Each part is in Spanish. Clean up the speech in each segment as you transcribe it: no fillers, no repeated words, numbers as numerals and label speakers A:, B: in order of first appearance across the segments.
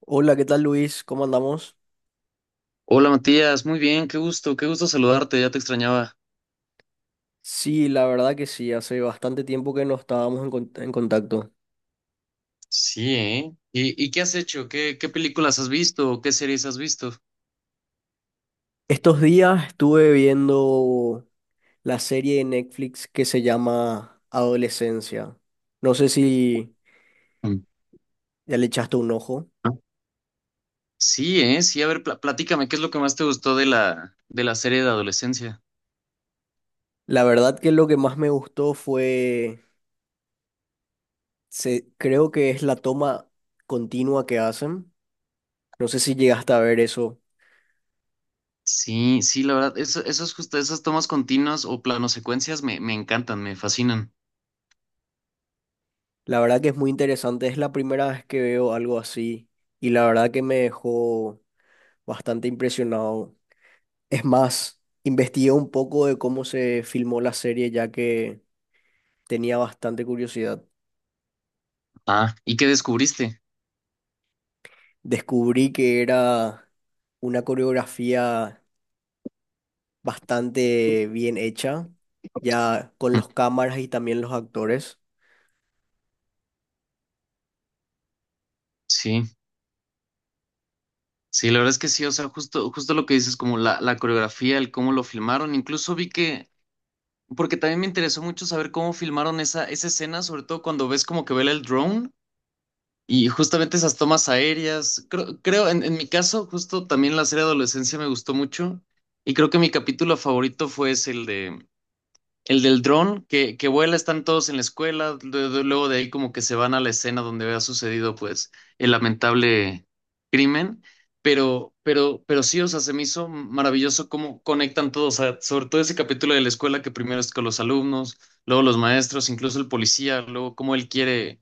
A: Hola, ¿qué tal Luis? ¿Cómo andamos?
B: Hola Matías, muy bien, qué gusto saludarte, ya te extrañaba.
A: Sí, la verdad que sí, hace bastante tiempo que no estábamos en contacto.
B: Sí, ¿eh? ¿Y qué has hecho? ¿Qué películas has visto o qué series has visto?
A: Estos días estuve viendo la serie de Netflix que se llama Adolescencia. No sé si
B: Mm.
A: ya le echaste un ojo.
B: Sí, ¿eh? Sí, a ver, platícame, ¿qué es lo que más te gustó de de la serie de adolescencia?
A: La verdad que lo que más me gustó creo que es la toma continua que hacen. No sé si llegaste a ver eso.
B: Sí, sí, la verdad, eso, esos justo, esas tomas continuas o planosecuencias me encantan, me fascinan.
A: La verdad que es muy interesante, es la primera vez que veo algo así y la verdad que me dejó bastante impresionado. Es más, investigué un poco de cómo se filmó la serie ya que tenía bastante curiosidad.
B: Ah, ¿y qué descubriste?
A: Descubrí que era una coreografía bastante bien hecha, ya con
B: Mm.
A: los cámaras y también los actores.
B: Sí, sí, la verdad es que sí, o sea, justo, justo lo que dices, como la coreografía, el cómo lo filmaron, incluso vi que porque también me interesó mucho saber cómo filmaron esa escena, sobre todo cuando ves como que vela el drone y justamente esas tomas aéreas. Creo, en mi caso, justo también la serie Adolescencia me gustó mucho, y creo que mi capítulo favorito fue es el de el del dron que vuela, están todos en la escuela, luego de ahí como que se van a la escena donde había sucedido pues el lamentable crimen, pero sí, o sea, se me hizo maravilloso cómo conectan todos, o sea, sobre todo ese capítulo de la escuela, que primero es con los alumnos, luego los maestros, incluso el policía, luego cómo él quiere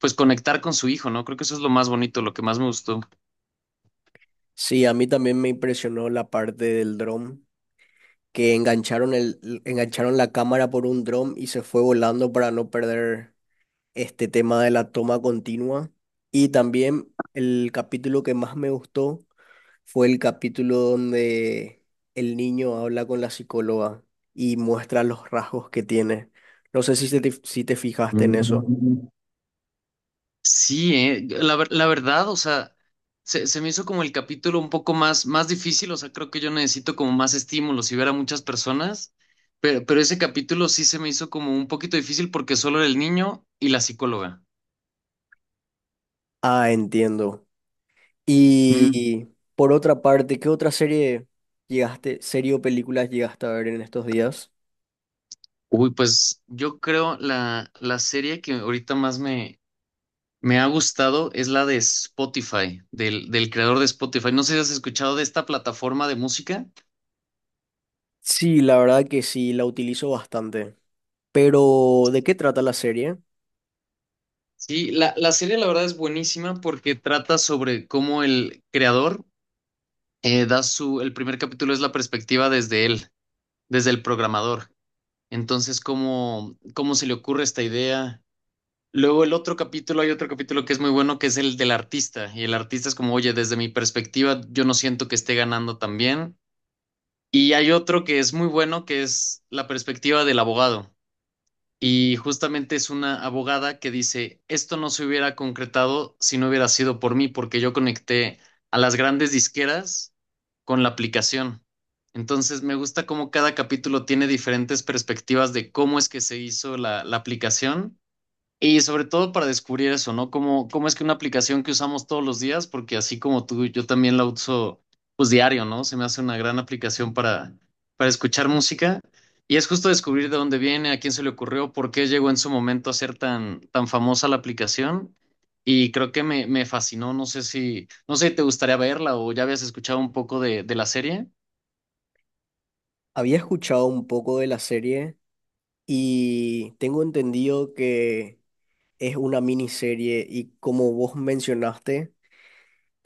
B: pues conectar con su hijo, ¿no? Creo que eso es lo más bonito, lo que más me gustó.
A: Sí, a mí también me impresionó la parte del dron, que engancharon la cámara por un dron y se fue volando para no perder este tema de la toma continua. Y también el capítulo que más me gustó fue el capítulo donde el niño habla con la psicóloga y muestra los rasgos que tiene. No sé si te fijaste en eso.
B: Sí, la verdad, o sea, se me hizo como el capítulo un poco más, más difícil, o sea, creo que yo necesito como más estímulos y ver a muchas personas, pero ese capítulo sí se me hizo como un poquito difícil porque solo era el niño y la psicóloga.
A: Ah, entiendo.
B: Mm.
A: Y por otra parte, ¿qué serie o películas llegaste a ver en estos días?
B: Uy, pues yo creo la serie que ahorita más me ha gustado es la de Spotify, del creador de Spotify. No sé si has escuchado de esta plataforma de música.
A: Sí, la verdad que sí, la utilizo bastante. Pero, ¿de qué trata la serie?
B: Sí, la serie la verdad es buenísima porque trata sobre cómo el creador el primer capítulo es la perspectiva desde él, desde el programador. Entonces, cómo se le ocurre esta idea. Luego el otro capítulo, hay otro capítulo que es muy bueno, que es el del artista. Y el artista es como, oye, desde mi perspectiva, yo no siento que esté ganando tan bien. Y hay otro que es muy bueno, que es la perspectiva del abogado. Y justamente es una abogada que dice, esto no se hubiera concretado si no hubiera sido por mí, porque yo conecté a las grandes disqueras con la aplicación. Entonces me gusta cómo cada capítulo tiene diferentes perspectivas de cómo es que se hizo la aplicación, y sobre todo para descubrir eso, ¿no? Cómo, cómo es que una aplicación que usamos todos los días, porque así como tú, yo también la uso pues diario, ¿no? Se me hace una gran aplicación para escuchar música. Y es justo descubrir de dónde viene, a quién se le ocurrió, por qué llegó en su momento a ser tan, tan famosa la aplicación. Y creo que me fascinó. No sé si, no sé si te gustaría verla o ya habías escuchado un poco de la serie.
A: Había escuchado un poco de la serie, y tengo entendido que es una miniserie y, como vos mencionaste,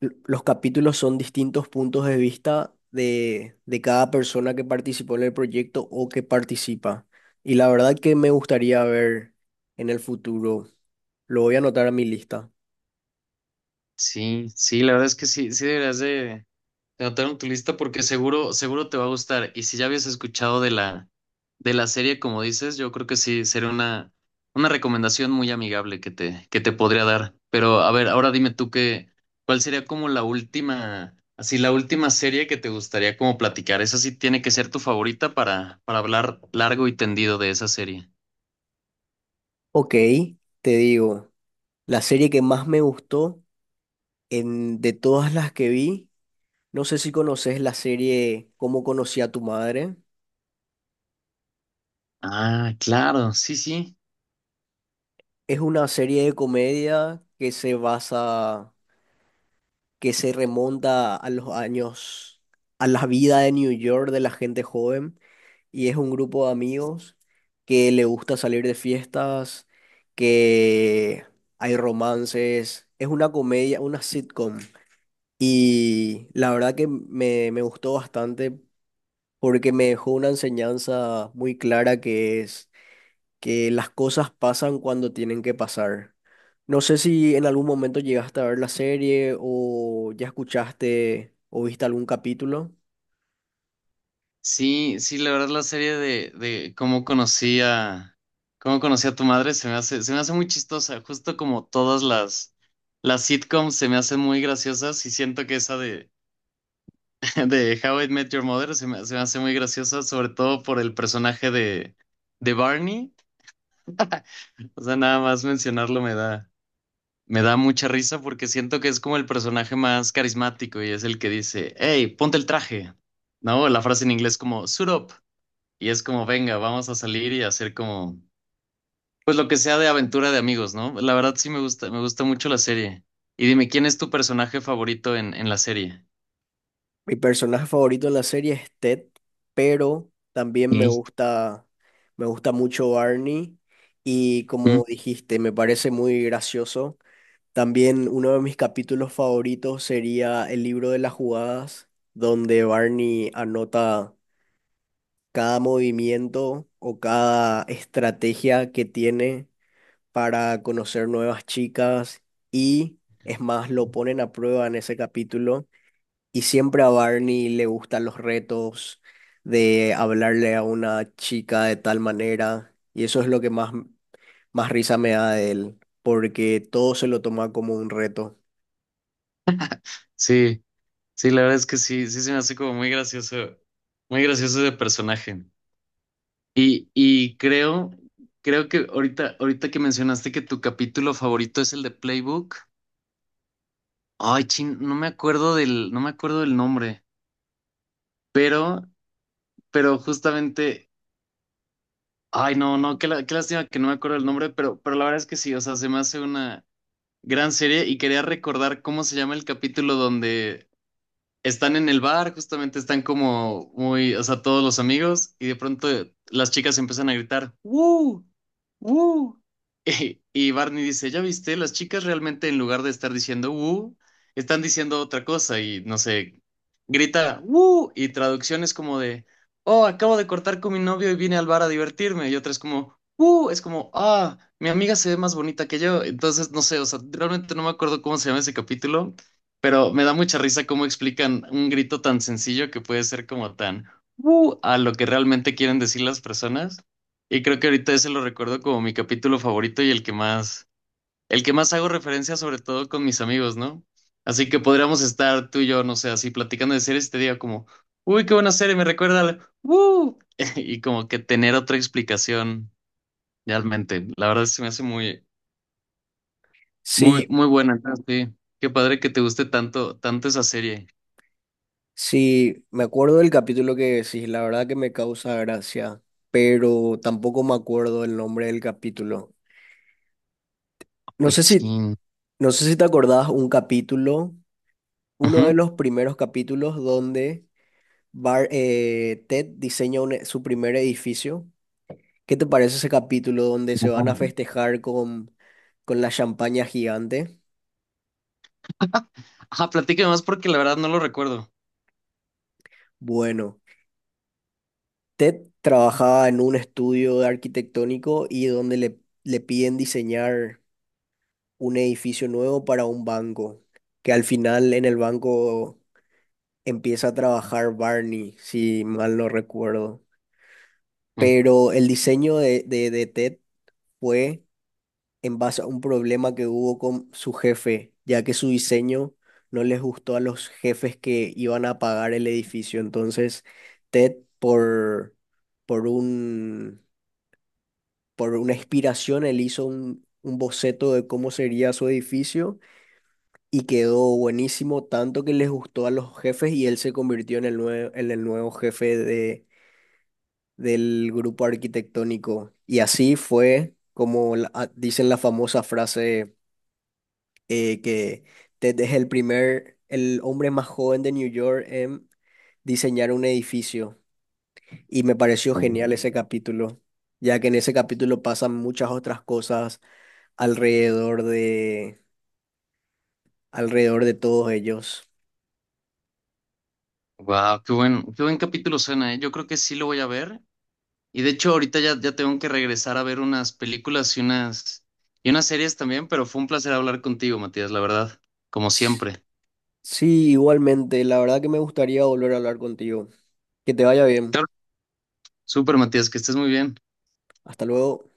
A: los capítulos son distintos puntos de vista de cada persona que participó en el proyecto o que participa. Y la verdad que me gustaría ver en el futuro. Lo voy a anotar a mi lista.
B: Sí, sí, la verdad es que sí, sí deberías de, te anotaron tu lista porque seguro, seguro te va a gustar. Y si ya habías escuchado de de la serie, como dices, yo creo que sí sería una recomendación muy amigable que te podría dar. Pero a ver, ahora dime tú qué, cuál sería como la última, así la última serie que te gustaría como platicar. Esa sí tiene que ser tu favorita para hablar largo y tendido de esa serie.
A: Ok, te digo, la serie que más me gustó de todas las que vi, no sé si conoces la serie Cómo conocí a tu madre.
B: Ah, claro, sí, sí.
A: Es una serie de comedia que se basa, que se remonta a los años, a la vida de New York de la gente joven, y es un grupo de amigos que le gusta salir de fiestas, que hay romances, es una comedia, una sitcom, y la verdad que me gustó bastante porque me dejó una enseñanza muy clara, que es que las cosas pasan cuando tienen que pasar. No sé si en algún momento llegaste a ver la serie o ya escuchaste o viste algún capítulo.
B: Sí, sí, la verdad la serie de cómo conocí a tu madre se me hace muy chistosa, justo como todas las sitcoms se me hacen muy graciosas, y siento que esa de, de How I Met Your Mother se me hace muy graciosa, sobre todo por el personaje de Barney. O sea, nada más mencionarlo me da mucha risa porque siento que es como el personaje más carismático y es el que dice, hey, ponte el traje, ¿no? La frase en inglés como, suit up. Y es como, venga, vamos a salir y hacer como, pues lo que sea de aventura de amigos, ¿no? La verdad sí me gusta mucho la serie. Y dime, ¿quién es tu personaje favorito en la serie?
A: Mi personaje favorito en la serie es Ted, pero también
B: Ey.
A: me gusta mucho Barney y,
B: ¿Mm?
A: como dijiste, me parece muy gracioso. También uno de mis capítulos favoritos sería el libro de las jugadas, donde Barney anota cada movimiento o cada estrategia que tiene para conocer nuevas chicas, y es más, lo ponen a prueba en ese capítulo, y siempre a Barney le gustan los retos de hablarle a una chica de tal manera, y eso es lo que más risa me da de él, porque todo se lo toma como un reto.
B: Sí, sí, la verdad es que sí, sí se me hace como muy gracioso de personaje. Y, y creo, creo que ahorita, ahorita que mencionaste que tu capítulo favorito es el de Playbook. Ay, chin, no me acuerdo del, no me acuerdo del nombre, pero, pero justamente ay, no, no, qué, qué lástima que no me acuerdo el nombre, pero la verdad es que sí, o sea, se me hace una gran serie, y quería recordar cómo se llama el capítulo donde están en el bar, justamente están como muy, o sea, todos los amigos, y de pronto las chicas empiezan a gritar, ¡Woo! ¡Woo! Y Barney dice, ¿ya viste? Las chicas realmente en lugar de estar diciendo ¡Woo! Están diciendo otra cosa, y no sé, grita ¡Woo! Y traducción es como de, oh, acabo de cortar con mi novio y vine al bar a divertirme, y otra es como, ¡Woo! Es como, ah, mi amiga se ve más bonita que yo, entonces no sé, o sea, realmente no me acuerdo cómo se llama ese capítulo, pero me da mucha risa cómo explican un grito tan sencillo que puede ser como tan a lo que realmente quieren decir las personas. Y creo que ahorita ese lo recuerdo como mi capítulo favorito y el que más hago referencia, sobre todo con mis amigos, ¿no? Así que podríamos estar tú y yo, no sé, así platicando de series y te diga como, uy, qué buena serie, me recuerda al y como que tener otra explicación realmente. La verdad se me hace muy,
A: Sí,
B: muy, muy buena. Entonces, sí, qué padre que te guste tanto, tanto esa serie.
A: sí, me acuerdo del capítulo que decís, la verdad que me causa gracia, pero tampoco me acuerdo el nombre del capítulo. No
B: Uy,
A: sé
B: chin.
A: no sé si te acordás un capítulo, uno
B: Ujú.
A: de los primeros capítulos donde Ted diseña su primer edificio. ¿Qué te parece ese capítulo donde se van a
B: Ujú.
A: festejar con la champaña gigante?
B: Ajá, platícame más porque la verdad no lo recuerdo.
A: Bueno, Ted trabajaba en un estudio de arquitectónico y donde le piden diseñar un edificio nuevo para un banco, que al final en el banco empieza a trabajar Barney, si mal no recuerdo. Pero el diseño de Ted fue en base a un problema que hubo con su jefe, ya que su diseño no les gustó a los jefes que iban a pagar el edificio. Entonces, Ted, por un, por una inspiración, él hizo un boceto de cómo sería su edificio, y quedó buenísimo, tanto que les gustó a los jefes y él se convirtió en el en el nuevo jefe del grupo arquitectónico. Y así fue como dicen la famosa frase. Eh, que Ted es el hombre más joven de New York en diseñar un edificio. Y me pareció genial ese capítulo, ya que en ese capítulo pasan muchas otras cosas alrededor de, alrededor de todos ellos.
B: Wow, qué buen capítulo suena, ¿eh? Yo creo que sí lo voy a ver. Y de hecho, ahorita ya, ya tengo que regresar a ver unas películas y unas series también, pero fue un placer hablar contigo, Matías, la verdad, como
A: S-
B: siempre.
A: Sí, igualmente, la verdad que me gustaría volver a hablar contigo. Que te vaya bien.
B: Claro. Súper, Matías, que estés muy bien.
A: Hasta luego.